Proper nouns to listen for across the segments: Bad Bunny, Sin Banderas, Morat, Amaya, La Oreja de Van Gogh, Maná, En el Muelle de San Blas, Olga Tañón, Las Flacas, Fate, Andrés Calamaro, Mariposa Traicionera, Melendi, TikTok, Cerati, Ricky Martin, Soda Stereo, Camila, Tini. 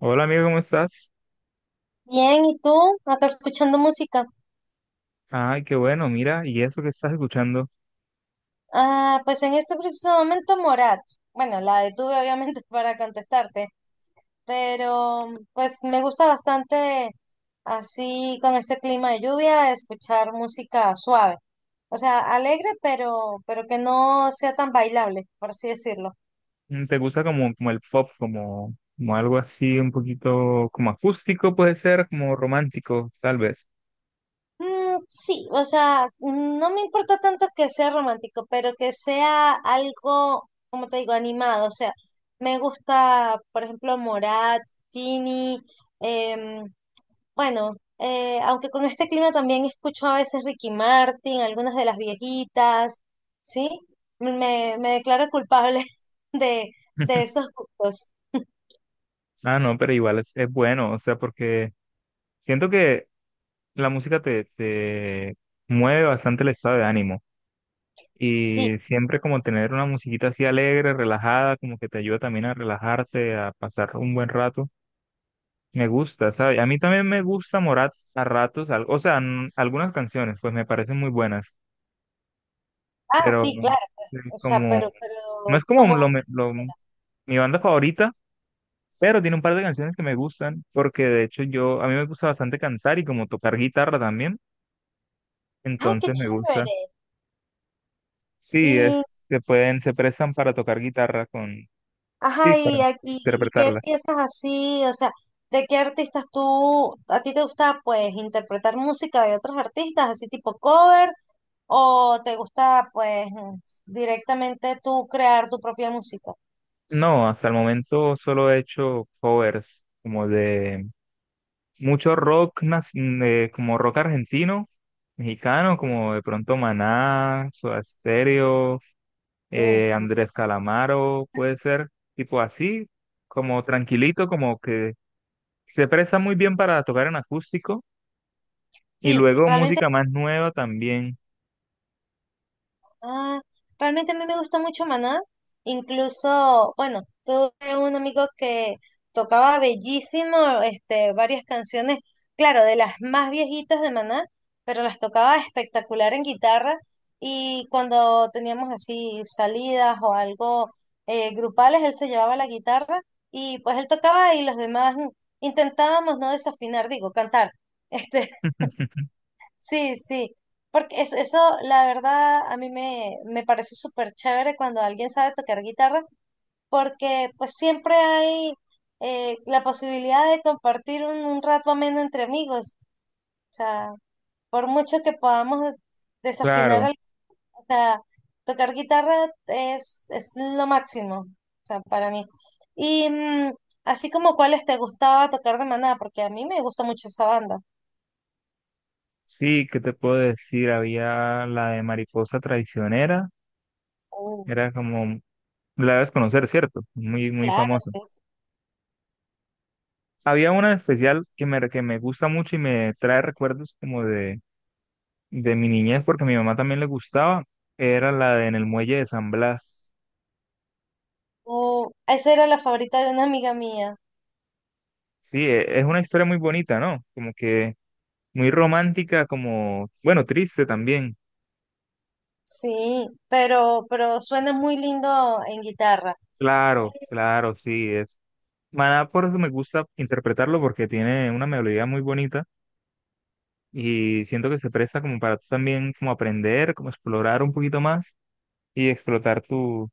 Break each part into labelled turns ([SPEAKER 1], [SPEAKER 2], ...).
[SPEAKER 1] Hola amigo, ¿cómo estás?
[SPEAKER 2] Bien, ¿y tú? Acá escuchando música.
[SPEAKER 1] Ay, qué bueno, mira, ¿y eso que estás escuchando?
[SPEAKER 2] Ah, pues en este preciso momento Morat. Bueno, la detuve obviamente para contestarte, pero pues me gusta bastante así con este clima de lluvia escuchar música suave. O sea, alegre, pero que no sea tan bailable, por así decirlo.
[SPEAKER 1] Mm, ¿te gusta como, como el pop, como, como algo así un poquito como acústico puede ser, como romántico, tal vez?
[SPEAKER 2] Mm, sí, o sea, mm, no me importa tanto que sea romántico, pero que sea algo, como te digo, animado. O sea, me gusta, por ejemplo, Morat, Tini, em, bueno, aunque con este clima también escucho a veces Ricky Martin, algunas de las viejitas, ¿sí? Me declaro culpable de, de esos gustos.
[SPEAKER 1] Ah, no, pero igual es bueno, o sea, porque siento que la música te mueve bastante el estado de ánimo
[SPEAKER 2] Sí,
[SPEAKER 1] y siempre como tener una musiquita así alegre, relajada, como que te ayuda también a relajarte, a pasar un buen rato. Me gusta, ¿sabes? A mí también me gusta Morat a ratos, o sea, algunas canciones, pues me parecen muy buenas,
[SPEAKER 2] ah,
[SPEAKER 1] pero
[SPEAKER 2] sí,
[SPEAKER 1] no
[SPEAKER 2] claro.
[SPEAKER 1] es
[SPEAKER 2] O sea,
[SPEAKER 1] como,
[SPEAKER 2] pero
[SPEAKER 1] no es como
[SPEAKER 2] como,
[SPEAKER 1] mi banda favorita, pero tiene un par de canciones que me gustan, porque de hecho yo, a mí me gusta bastante cantar y como tocar guitarra también,
[SPEAKER 2] ay, qué
[SPEAKER 1] entonces me gusta.
[SPEAKER 2] chévere.
[SPEAKER 1] Sí, es,
[SPEAKER 2] Y
[SPEAKER 1] se pueden, se prestan para tocar guitarra con, sí,
[SPEAKER 2] ajá,
[SPEAKER 1] para
[SPEAKER 2] y, y qué
[SPEAKER 1] interpretarla.
[SPEAKER 2] piensas así, o sea, ¿de qué artistas tú, a ti te gusta pues interpretar música de otros artistas, así tipo cover, o te gusta pues directamente tú crear tu propia música?
[SPEAKER 1] No, hasta el momento solo he hecho covers como de mucho como rock argentino, mexicano, como de pronto Maná, Soda Stereo,
[SPEAKER 2] Mm,
[SPEAKER 1] Andrés Calamaro, puede ser tipo así, como tranquilito, como que se presta muy bien para tocar en acústico y
[SPEAKER 2] sí,
[SPEAKER 1] luego
[SPEAKER 2] realmente,
[SPEAKER 1] música más nueva también.
[SPEAKER 2] ah, realmente a mí me gusta mucho Maná. Incluso, bueno, tuve un amigo que tocaba bellísimo, este, varias canciones, claro, de las más viejitas de Maná, pero las tocaba espectacular en guitarra. Y cuando teníamos así salidas o algo grupales, él se llevaba la guitarra y pues él tocaba y los demás intentábamos no desafinar, digo, cantar. Este, sí, sí, porque es, eso la verdad a mí me parece súper chévere cuando alguien sabe tocar guitarra, porque pues siempre hay la posibilidad de compartir un rato ameno entre amigos, o sea, por mucho que podamos desafinar,
[SPEAKER 1] Claro,
[SPEAKER 2] o sea, tocar guitarra es lo máximo, o sea, para mí. Y mm, así como cuáles te gustaba tocar de Maná, porque a mí me gusta mucho esa banda.
[SPEAKER 1] sí, ¿qué te puedo decir? Había la de Mariposa Traicionera,
[SPEAKER 2] Uh,
[SPEAKER 1] era como, la debes conocer, ¿cierto? Muy, muy
[SPEAKER 2] claro,
[SPEAKER 1] famosa. Había una en especial que me gusta mucho y me trae recuerdos como de mi niñez, porque a mi mamá también le gustaba. Era la de En el Muelle de San Blas.
[SPEAKER 2] oh, esa era la favorita de una amiga mía.
[SPEAKER 1] Sí, es una historia muy bonita, ¿no? Como que muy romántica, como, bueno, triste también.
[SPEAKER 2] Sí, pero suena muy lindo en guitarra.
[SPEAKER 1] Claro, claro, sí, es. Maná por eso me gusta interpretarlo porque tiene una melodía muy bonita y siento que se presta como para tú también como aprender, como explorar un poquito más y explotar tu,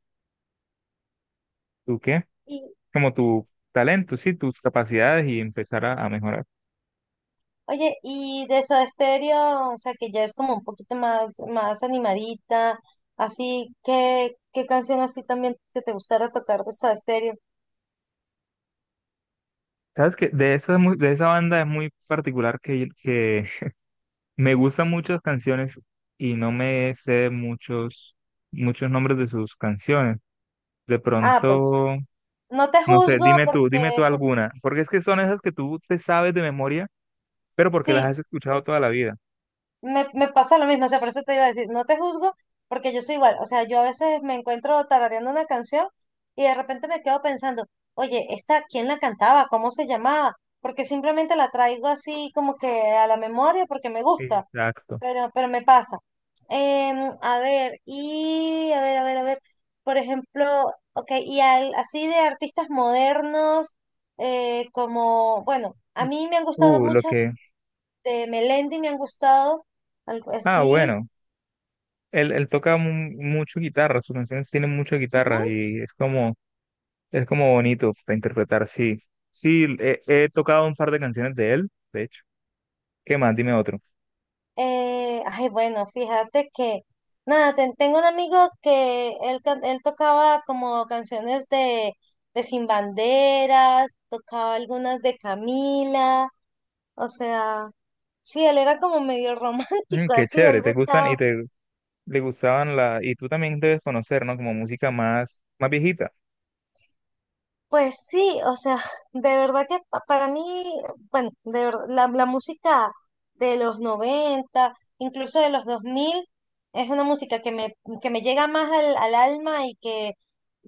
[SPEAKER 1] ¿tu qué?
[SPEAKER 2] Y,
[SPEAKER 1] Como tu talento, sí, tus capacidades y empezar a mejorar.
[SPEAKER 2] oye, y de Soda Stereo, o sea, que ya es como un poquito más, más animadita, así, ¿qué, qué canción así también que te gustara tocar de Soda Stereo?
[SPEAKER 1] Sabes que de esa, de esa banda es muy particular que me gustan muchas canciones y no me sé muchos, muchos nombres de sus canciones. De
[SPEAKER 2] Ah, pues,
[SPEAKER 1] pronto,
[SPEAKER 2] no te
[SPEAKER 1] no sé,
[SPEAKER 2] juzgo
[SPEAKER 1] dime tú
[SPEAKER 2] porque,
[SPEAKER 1] alguna, porque es que son esas que tú te sabes de memoria, pero porque las
[SPEAKER 2] sí,
[SPEAKER 1] has escuchado toda la vida.
[SPEAKER 2] me pasa lo mismo, o sea, por eso te iba a decir, no te juzgo, porque yo soy igual, o sea, yo a veces me encuentro tarareando una canción y de repente me quedo pensando, oye, ¿esta quién la cantaba? ¿Cómo se llamaba? Porque simplemente la traigo así como que a la memoria porque me gusta,
[SPEAKER 1] Exacto.
[SPEAKER 2] pero me pasa. A ver, y a ver, a ver, a ver, por ejemplo, ok, y así de artistas modernos, como, bueno, a mí me han gustado
[SPEAKER 1] Lo
[SPEAKER 2] muchas
[SPEAKER 1] que.
[SPEAKER 2] de Melendi me han gustado, algo
[SPEAKER 1] Ah,
[SPEAKER 2] así.
[SPEAKER 1] bueno. Él, mucho guitarra, sus canciones tienen mucha guitarra
[SPEAKER 2] Ujú.
[SPEAKER 1] y es como es como bonito para interpretar, sí. Sí, he, he tocado un par de canciones de él, de hecho. ¿Qué más? Dime otro.
[SPEAKER 2] Ay, bueno, fíjate que, nada, tengo un amigo que él, él tocaba como canciones de Sin Banderas, tocaba algunas de Camila, o sea, sí, él era como medio
[SPEAKER 1] Mm,
[SPEAKER 2] romántico,
[SPEAKER 1] qué
[SPEAKER 2] así,
[SPEAKER 1] chévere,
[SPEAKER 2] él
[SPEAKER 1] te gustan y
[SPEAKER 2] buscaba
[SPEAKER 1] te le gustaban la... Y tú también debes conocer, ¿no? Como música más, más viejita.
[SPEAKER 2] pues sí, o sea, de verdad que para mí, bueno, de verdad, la música de los 90 incluso de los 2000 es una música que me llega más al, al alma y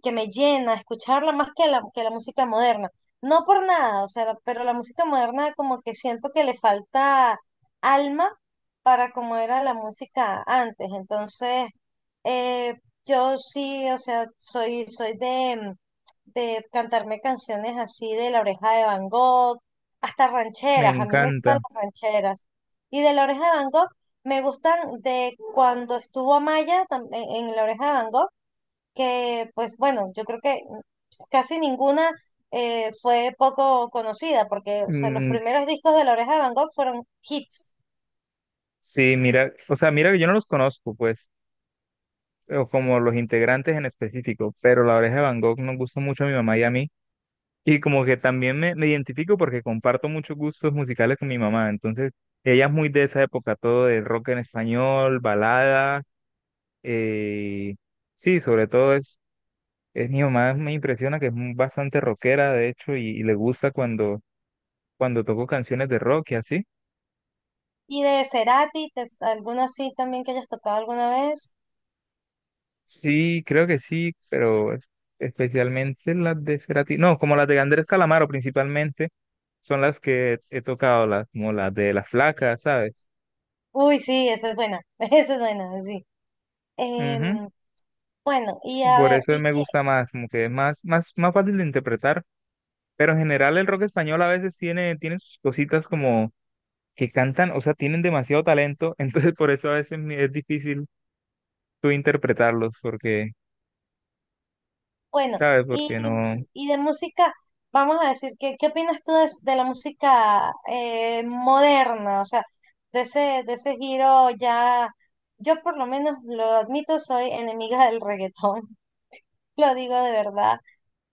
[SPEAKER 2] que me llena escucharla más que la música moderna. No por nada, o sea, pero la música moderna como que siento que le falta alma para como era la música antes. Entonces, eh, yo sí, o sea, soy, soy de cantarme canciones así de La Oreja de Van Gogh, hasta
[SPEAKER 1] Me
[SPEAKER 2] rancheras, a mí me gustan
[SPEAKER 1] encanta.
[SPEAKER 2] las rancheras. Y de La Oreja de Van Gogh me gustan de cuando estuvo Amaya en La Oreja de Van Gogh, que pues bueno, yo creo que casi ninguna fue poco conocida, porque o sea, los
[SPEAKER 1] Mm,
[SPEAKER 2] primeros discos de La Oreja de Van Gogh fueron hits.
[SPEAKER 1] sí, mira, o sea, mira que yo no los conozco, pues, o como los integrantes en específico, pero La Oreja de Van Gogh nos gusta mucho a mi mamá y a mí. Y como que también me identifico porque comparto muchos gustos musicales con mi mamá. Entonces, ella es muy de esa época, todo de rock en español, balada. eh, sí, sobre todo es mi mamá, me impresiona que es bastante rockera, de hecho, y le gusta cuando, cuando toco canciones de rock y así.
[SPEAKER 2] Y de Cerati, alguna sí también que hayas tocado alguna vez.
[SPEAKER 1] Sí, creo que sí, pero especialmente las de Cerati. No, como las de Andrés Calamaro principalmente, son las que he tocado, las, como las de Las Flacas, ¿sabes?
[SPEAKER 2] Uy, sí, esa es buena, esa es buena, sí. Em, bueno, y a
[SPEAKER 1] Por
[SPEAKER 2] ver,
[SPEAKER 1] eso él
[SPEAKER 2] y
[SPEAKER 1] me
[SPEAKER 2] qué,
[SPEAKER 1] gusta más, como que es más, más, más fácil de interpretar. Pero en general el rock español a veces tiene, tiene sus cositas como que cantan, o sea, tienen demasiado talento, entonces por eso a veces es difícil tú interpretarlos, porque,
[SPEAKER 2] bueno,
[SPEAKER 1] ¿sabes?
[SPEAKER 2] y,
[SPEAKER 1] Porque no.
[SPEAKER 2] y de música, vamos a decir, ¿qué, qué opinas tú de la música moderna? O sea, de ese giro ya, yo por lo menos lo admito, soy enemiga del reggaetón, lo digo de verdad.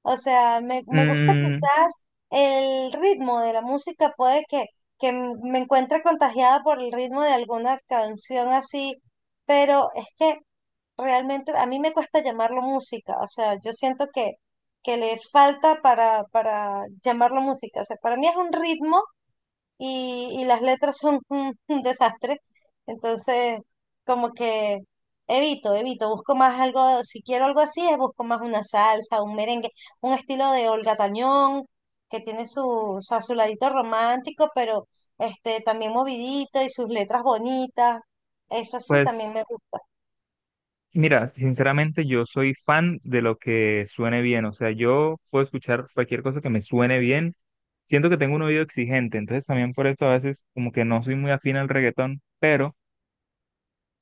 [SPEAKER 2] O sea, me gusta
[SPEAKER 1] Mm,
[SPEAKER 2] quizás el ritmo de la música, puede que me encuentre contagiada por el ritmo de alguna canción así, pero es que realmente a mí me cuesta llamarlo música, o sea, yo siento que le falta para llamarlo música, o sea, para mí es un ritmo y las letras son un desastre, entonces como que evito, evito, busco más algo, si quiero algo así, es busco más una salsa, un merengue, un estilo de Olga Tañón, que tiene su, o sea, su ladito romántico, pero este, también movidito y sus letras bonitas, eso sí también
[SPEAKER 1] pues,
[SPEAKER 2] me gusta.
[SPEAKER 1] mira, sinceramente yo soy fan de lo que suene bien, o sea, yo puedo escuchar cualquier cosa que me suene bien. Siento que tengo un oído exigente, entonces también por eso a veces como que no soy muy afín al reggaetón, pero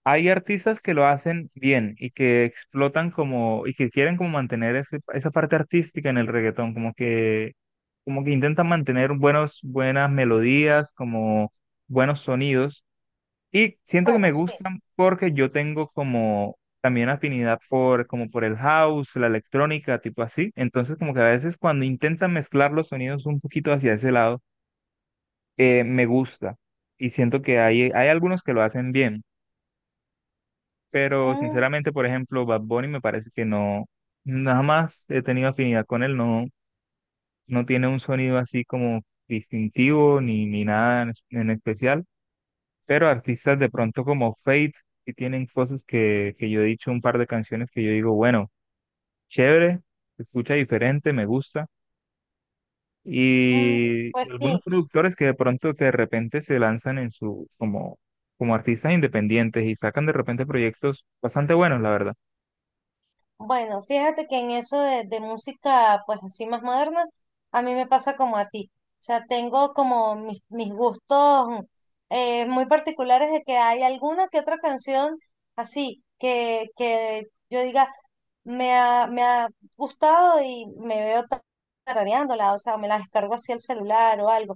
[SPEAKER 1] hay artistas que lo hacen bien y que explotan como, y que quieren como mantener esa parte artística en el reggaetón, como que intentan mantener buenos, buenas melodías, como buenos sonidos. Y siento que
[SPEAKER 2] Bueno,
[SPEAKER 1] me
[SPEAKER 2] sí.
[SPEAKER 1] gustan porque yo tengo como también afinidad por, como por el house, la electrónica, tipo así. Entonces como que a veces cuando intentan mezclar los sonidos un poquito hacia ese lado, me gusta. Y siento que hay algunos que lo hacen bien. Pero sinceramente, por ejemplo, Bad Bunny me parece que no, nada más he tenido afinidad con él, no, no tiene un sonido así como distintivo ni, ni nada en especial, pero artistas de pronto como Fate, que tienen cosas que yo he dicho, un par de canciones que yo digo, bueno, chévere, se escucha diferente, me gusta,
[SPEAKER 2] Mm,
[SPEAKER 1] y
[SPEAKER 2] pues
[SPEAKER 1] algunos
[SPEAKER 2] sí,
[SPEAKER 1] productores que de pronto que de repente se lanzan en su, como, como artistas independientes y sacan de repente proyectos bastante buenos, la verdad.
[SPEAKER 2] bueno, fíjate que en eso de música, pues así más moderna, a mí me pasa como a ti. O sea, tengo como mis, mis gustos mm, muy particulares de que hay alguna que otra canción así que yo diga, me ha gustado y me veo tarareándola, o sea, me la descargo así al celular o algo.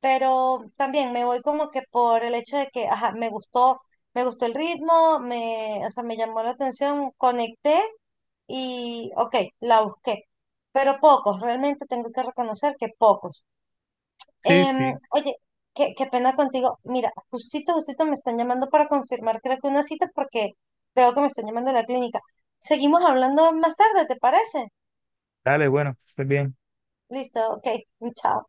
[SPEAKER 2] Pero también me voy como que por el hecho de que, ajá, me gustó el ritmo, me, o sea, me llamó la atención, conecté y, ok, la busqué, pero pocos, realmente tengo que reconocer que pocos.
[SPEAKER 1] Sí,
[SPEAKER 2] Em,
[SPEAKER 1] sí.
[SPEAKER 2] oye, qué, qué pena contigo, mira, justito, justito me están llamando para confirmar, creo que una cita porque veo que me están llamando de la clínica. Seguimos hablando más tarde, ¿te parece?
[SPEAKER 1] Dale, bueno, que estés bien.
[SPEAKER 2] Listo, ok, chao.